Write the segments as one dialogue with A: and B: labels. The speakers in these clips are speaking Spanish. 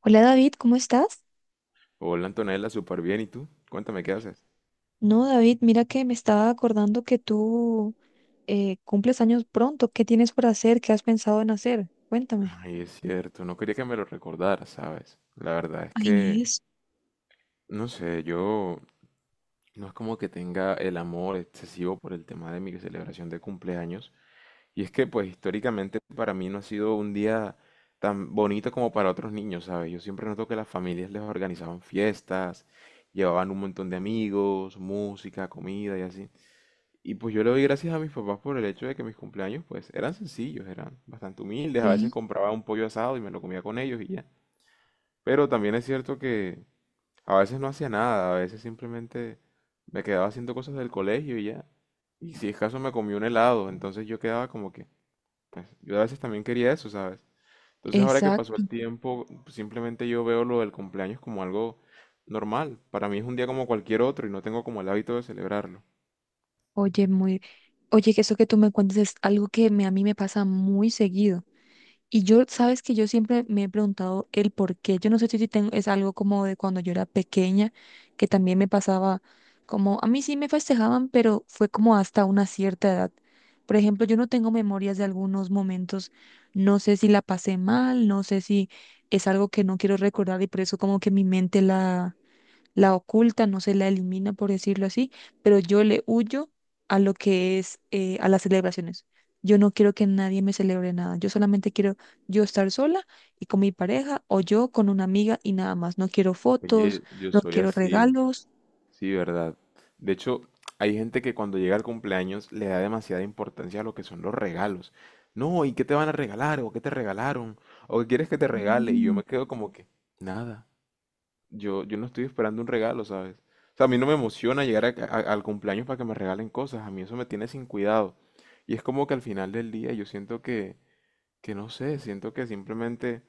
A: Hola David, ¿cómo estás?
B: Hola Antonella, súper bien. ¿Y tú? Cuéntame qué haces.
A: No, David, mira que me estaba acordando que tú cumples años pronto. ¿Qué tienes por hacer? ¿Qué has pensado en hacer? Cuéntame.
B: Ay, es cierto, no quería que me lo recordaras, ¿sabes? La verdad es
A: Ahí
B: que,
A: es,
B: no sé, yo no es como que tenga el amor excesivo por el tema de mi celebración de cumpleaños. Y es que, pues, históricamente para mí no ha sido un día tan bonito como para otros niños, ¿sabes? Yo siempre noto que las familias les organizaban fiestas, llevaban un montón de amigos, música, comida y así. Y pues yo le doy gracias a mis papás por el hecho de que mis cumpleaños pues eran sencillos, eran bastante humildes, a veces
A: sí,
B: compraba un pollo asado y me lo comía con ellos y ya. Pero también es cierto que a veces no hacía nada, a veces simplemente me quedaba haciendo cosas del colegio y ya. Y si es caso me comí un helado, entonces yo quedaba como que, pues yo a veces también quería eso, ¿sabes? Entonces ahora que pasó
A: exacto.
B: el tiempo, simplemente yo veo lo del cumpleaños como algo normal. Para mí es un día como cualquier otro y no tengo como el hábito de celebrarlo.
A: Oye, muy, Oye, que eso que tú me cuentes es algo que a mí me pasa muy seguido. Y yo, sabes que yo siempre me he preguntado el por qué. Yo no sé si tengo, es algo como de cuando yo era pequeña, que también me pasaba como, a mí sí me festejaban, pero fue como hasta una cierta edad. Por ejemplo, yo no tengo memorias de algunos momentos, no sé si la pasé mal, no sé si es algo que no quiero recordar y por eso como que mi mente la oculta, no se la elimina, por decirlo así, pero yo le huyo a lo que es, a las celebraciones. Yo no quiero que nadie me celebre nada. Yo solamente quiero yo estar sola y con mi pareja o yo con una amiga y nada más. No quiero fotos,
B: Oye, yo
A: no
B: soy
A: quiero
B: así.
A: regalos.
B: Sí, verdad. De hecho, hay gente que cuando llega el cumpleaños le da demasiada importancia a lo que son los regalos. No, ¿y qué te van a regalar? ¿O qué te regalaron? ¿O qué quieres que te regale? Y yo
A: Mm,
B: me quedo como que, nada. Yo no estoy esperando un regalo, ¿sabes? O sea, a mí no me emociona llegar al cumpleaños para que me regalen cosas. A mí eso me tiene sin cuidado. Y es como que al final del día yo siento que no sé, siento que simplemente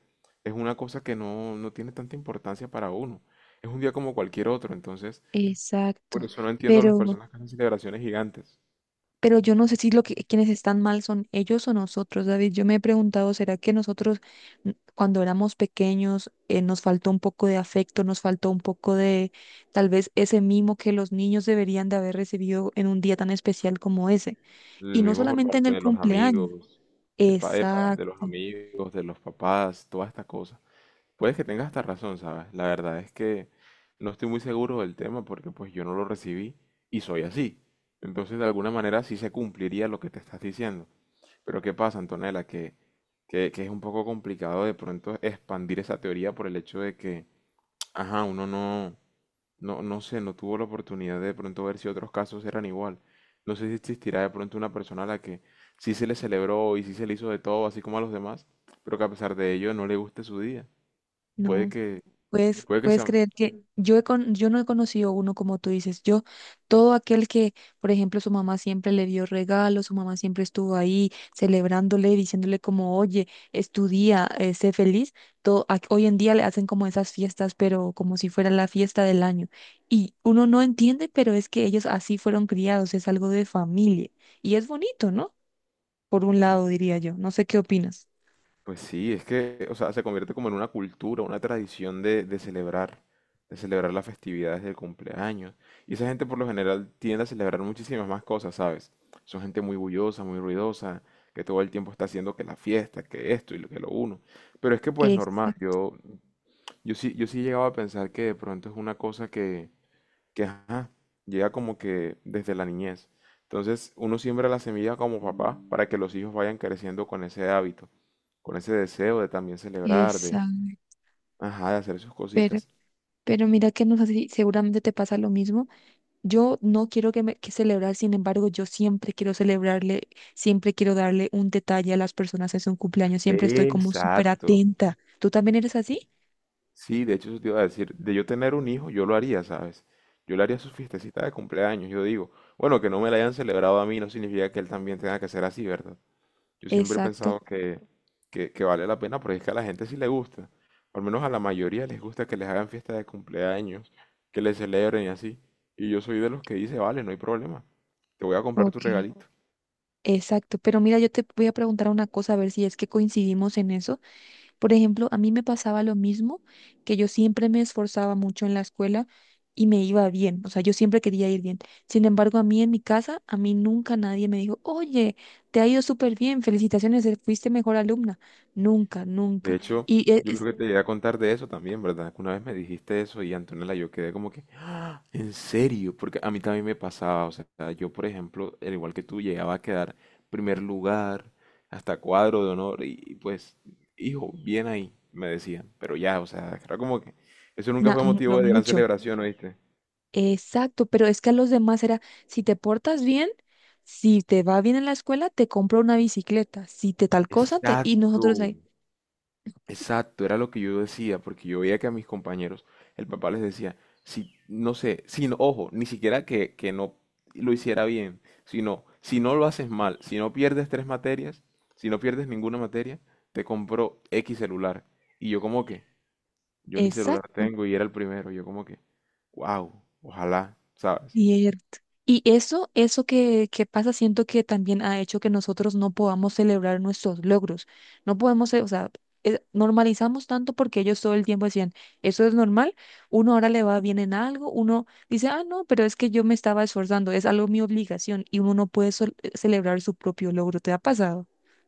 B: es una cosa que no, no tiene tanta importancia para uno. Es un día como cualquier otro, entonces... Por
A: exacto.
B: eso no entiendo las
A: Pero
B: personas que hacen celebraciones gigantes.
A: Pero yo no sé si lo que quienes están mal son ellos o nosotros, David. Yo me he preguntado, ¿será que nosotros cuando éramos pequeños nos faltó un poco de afecto, nos faltó un poco de tal vez ese mimo que los niños deberían de haber recibido en un día tan especial como ese?
B: El
A: Y no
B: mismo por
A: solamente en
B: parte
A: el
B: de los
A: cumpleaños.
B: amigos, epa, epa, de los
A: Exacto.
B: amigos, de los papás, toda esta cosa. Puedes que tengas hasta razón, ¿sabes? La verdad es que no estoy muy seguro del tema porque pues yo no lo recibí y soy así. Entonces de alguna manera sí se cumpliría lo que te estás diciendo. Pero ¿qué pasa, Antonella? Que es un poco complicado de pronto expandir esa teoría por el hecho de que, ajá, uno no No, no sé, no tuvo la oportunidad de pronto ver si otros casos eran igual. No sé si existirá de pronto una persona a la que sí se le celebró y sí se le hizo de todo, así como a los demás, pero que a pesar de ello no le guste su día. Puede
A: No.
B: que,
A: Puedes,
B: puede que
A: puedes
B: sea,
A: creer que yo, yo no he conocido uno como tú dices. Yo, todo aquel que, por ejemplo, su mamá siempre le dio regalos, su mamá siempre estuvo ahí celebrándole, diciéndole como, oye, estudia, sé feliz. Todo, hoy en día le hacen como esas fiestas, pero como si fuera la fiesta del año. Y uno no entiende, pero es que ellos así fueron criados, es algo de familia. Y es bonito, ¿no? Por un lado, diría yo. No sé qué opinas.
B: pues sí, es que, o sea, se convierte como en una cultura, una tradición de celebrar las festividades del cumpleaños. Y esa gente por lo general tiende a celebrar muchísimas más cosas, ¿sabes? Son gente muy bullosa, muy ruidosa, que todo el tiempo está haciendo que la fiesta, que esto y lo que lo uno. Pero es que pues normal,
A: Exacto,
B: yo sí, yo sí llegaba a pensar que de pronto es una cosa que ajá, llega como que desde la niñez. Entonces uno siembra la semilla como papá para que los hijos vayan creciendo con ese hábito con ese deseo de también celebrar, de,
A: exacto.
B: ajá, de hacer sus cositas.
A: Pero mira que no sé si seguramente te pasa lo mismo. Yo no quiero que, que celebrar, sin embargo, yo siempre quiero celebrarle, siempre quiero darle un detalle a las personas en su cumpleaños, siempre estoy como súper
B: Exacto.
A: atenta. ¿Tú también eres así?
B: Sí, de hecho eso te iba a decir, de yo tener un hijo, yo lo haría, ¿sabes? Yo le haría su fiestecita de cumpleaños, yo digo, bueno, que no me la hayan celebrado a mí no significa que él también tenga que ser así, ¿verdad? Yo siempre he
A: Exacto,
B: pensado que vale la pena porque es que a la gente sí le gusta, al menos a la mayoría les gusta que les hagan fiesta de cumpleaños, que les celebren y así. Y yo soy de los que dice, vale, no hay problema, te voy a comprar tu
A: ok,
B: regalito.
A: exacto. Pero mira, yo te voy a preguntar una cosa, a ver si es que coincidimos en eso. Por ejemplo, a mí me pasaba lo mismo, que yo siempre me esforzaba mucho en la escuela y me iba bien, o sea, yo siempre quería ir bien. Sin embargo, a mí en mi casa, a mí nunca nadie me dijo, oye, te ha ido súper bien, felicitaciones, fuiste mejor alumna. Nunca,
B: De
A: nunca.
B: hecho,
A: Y e-
B: yo creo
A: es,
B: que te llegué a contar de eso también, ¿verdad? Que una vez me dijiste eso y Antonella, yo quedé como que, "Ah, ¿en serio?". Porque a mí también me pasaba, o sea, yo por ejemplo, al igual que tú, llegaba a quedar primer lugar, hasta cuadro de honor y pues, hijo, bien ahí, me decían. Pero ya, o sea, era como que eso nunca fue
A: lo
B: motivo de gran
A: mucho.
B: celebración, ¿oíste?
A: Exacto, pero es que a los demás era, si te portas bien, si te va bien en la escuela, te compro una bicicleta, si te tal cosa, te... y
B: Exacto.
A: nosotros ahí.
B: Exacto, era lo que yo decía, porque yo veía que a mis compañeros, el papá les decía, si, no sé, si no- ojo, ni siquiera que no lo hiciera bien, sino, si no lo haces mal, si no pierdes tres materias, si no pierdes ninguna materia, te compro X celular. Y yo como que, yo ni celular
A: Exacto.
B: tengo y era el primero, yo como que, wow, ojalá, ¿sabes?
A: Cierto. Y eso, que pasa, siento que también ha hecho que nosotros no podamos celebrar nuestros logros. No podemos, ce- o sea, normalizamos tanto porque ellos todo el tiempo decían, eso es normal, uno ahora le va bien en algo, uno dice, ah, no, pero es que yo me estaba esforzando, es algo mi obligación y uno no puede celebrar su propio logro. ¿Te ha pasado?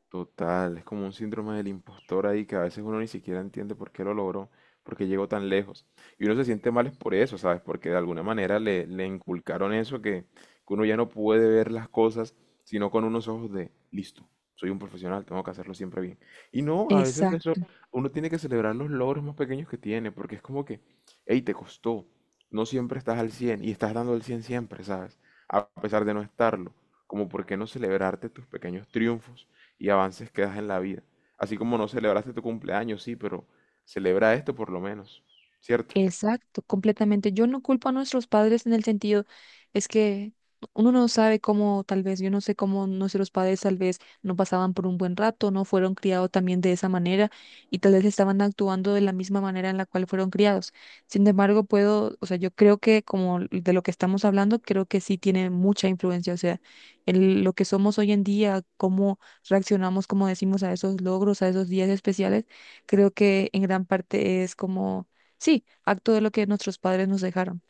B: Total, es como un síndrome del impostor ahí que a veces uno ni siquiera entiende por qué lo logró, por qué llegó tan lejos. Y uno se siente mal es por eso, ¿sabes? Porque de alguna manera le, le inculcaron eso que uno ya no puede ver las cosas sino con unos ojos de, listo, soy un profesional, tengo que hacerlo siempre bien. Y no, a veces eso,
A: Exacto.
B: uno tiene que celebrar los logros más pequeños que tiene, porque es como que, hey, te costó, no siempre estás al 100 y estás dando el 100 siempre, ¿sabes? A pesar de no estarlo, como por qué no celebrarte tus pequeños triunfos y avances que das en la vida. Así como no celebraste tu cumpleaños, sí, pero celebra esto por lo menos, ¿cierto?
A: Exacto, completamente. Yo no culpo a nuestros padres en el sentido, es que uno no sabe cómo, tal vez, yo no sé cómo nuestros padres tal vez no pasaban por un buen rato, no fueron criados también de esa manera y tal vez estaban actuando de la misma manera en la cual fueron criados. Sin embargo, puedo, o sea, yo creo que como de lo que estamos hablando, creo que sí tiene mucha influencia, o sea, lo que somos hoy en día, cómo reaccionamos, como decimos, a esos logros, a esos días especiales, creo que en gran parte es como sí, acto de lo que nuestros padres nos dejaron.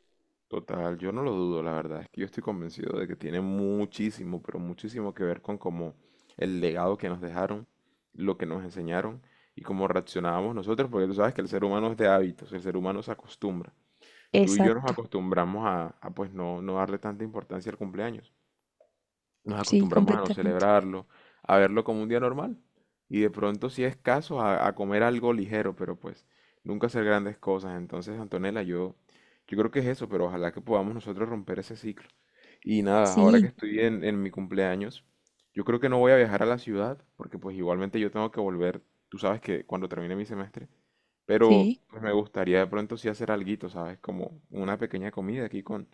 B: Total, yo no lo dudo, la verdad, es que yo estoy convencido de que tiene muchísimo, pero muchísimo que ver con cómo el legado que nos dejaron, lo que nos enseñaron y cómo reaccionábamos nosotros, porque tú sabes que el ser humano es de hábitos, el ser humano se acostumbra. Tú y yo nos
A: Exacto,
B: acostumbramos a, pues no, no darle tanta importancia al cumpleaños. Nos
A: sí,
B: acostumbramos a no
A: completamente.
B: celebrarlo, a verlo como un día normal. Y de pronto, si es caso, a comer algo ligero, pero pues nunca hacer grandes cosas. Entonces, Antonella, yo creo que es eso, pero ojalá que podamos nosotros romper ese ciclo. Y nada, ahora que
A: Sí,
B: estoy en mi cumpleaños, yo creo que no voy a viajar a la ciudad, porque pues igualmente yo tengo que volver, tú sabes que cuando termine mi semestre, pero
A: sí.
B: pues me gustaría de pronto sí hacer alguito, ¿sabes? Como una pequeña comida aquí con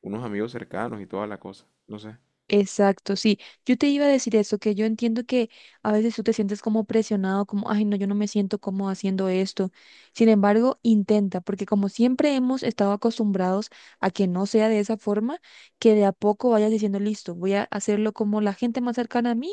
B: unos amigos cercanos y toda la cosa. No sé.
A: Exacto, sí. Yo te iba a decir eso, que yo entiendo que a veces tú te sientes como presionado, como, ay, no, yo no me siento como haciendo esto. Sin embargo, intenta, porque como siempre hemos estado acostumbrados a que no sea de esa forma, que de a poco vayas diciendo, listo, voy a hacerlo como la gente más cercana a mí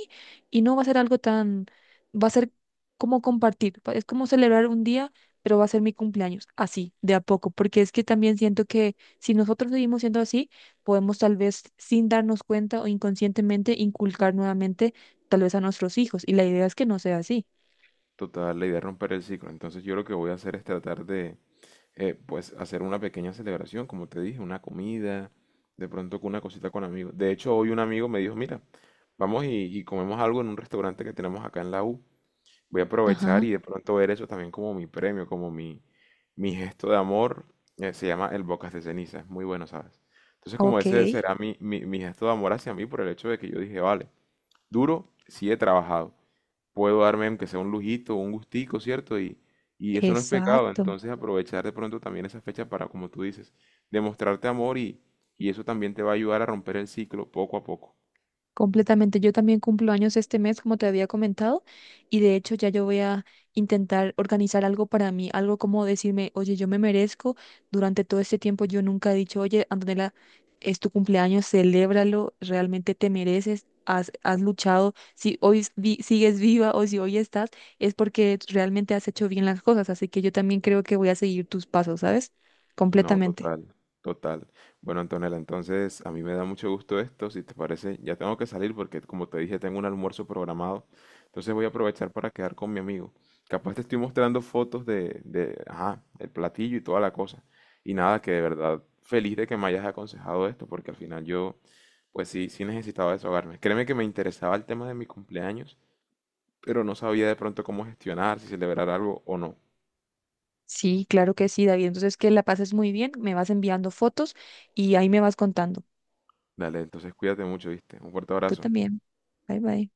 A: y no va a ser algo tan, va a ser como compartir, es como celebrar un día, pero va a ser mi cumpleaños, así, de a poco, porque es que también siento que si nosotros seguimos siendo así, podemos tal vez sin darnos cuenta o inconscientemente inculcar nuevamente tal vez a nuestros hijos. Y la idea es que no sea así.
B: Total, la idea es romper el ciclo. Entonces yo lo que voy a hacer es tratar de, pues, hacer una pequeña celebración, como te dije, una comida, de pronto con una cosita con amigos. De hecho, hoy un amigo me dijo, mira, vamos y comemos algo en un restaurante que tenemos acá en la U. Voy a aprovechar
A: Ajá,
B: y de pronto ver eso también como mi premio, como mi gesto de amor. Se llama el Bocas de Ceniza, es muy bueno, ¿sabes? Entonces como
A: ok,
B: ese será mi, mi, mi gesto de amor hacia mí por el hecho de que yo dije, vale, duro, sí he trabajado puedo darme aunque sea un lujito, un gustico, ¿cierto? Y eso no es pecado,
A: exacto.
B: entonces aprovechar de pronto también esa fecha para, como tú dices, demostrarte amor y eso también te va a ayudar a romper el ciclo poco a poco.
A: Completamente. Yo también cumplo años este mes, como te había comentado, y de hecho ya yo voy a intentar organizar algo para mí, algo como decirme, oye, yo me merezco. Durante todo este tiempo yo nunca he dicho, oye, Antonella, es tu cumpleaños, celébralo, realmente te mereces, has, has luchado. Si hoy sigues viva o si hoy estás, es porque realmente has hecho bien las cosas. Así que yo también creo que voy a seguir tus pasos, ¿sabes?
B: No,
A: Completamente.
B: total, total. Bueno, Antonella, entonces a mí me da mucho gusto esto, si te parece, ya tengo que salir porque como te dije, tengo un almuerzo programado, entonces voy a aprovechar para quedar con mi amigo. Capaz te estoy mostrando fotos de, ajá, el platillo y toda la cosa. Y nada, que de verdad feliz de que me hayas aconsejado esto, porque al final yo, pues sí, sí necesitaba desahogarme. Créeme que me interesaba el tema de mi cumpleaños, pero no sabía de pronto cómo gestionar, si celebrar algo o no.
A: Sí, claro que sí, David. Entonces, que la pases muy bien, me vas enviando fotos y ahí me vas contando.
B: Dale, entonces cuídate mucho, ¿viste? Un fuerte
A: Tú
B: abrazo.
A: también. Bye bye.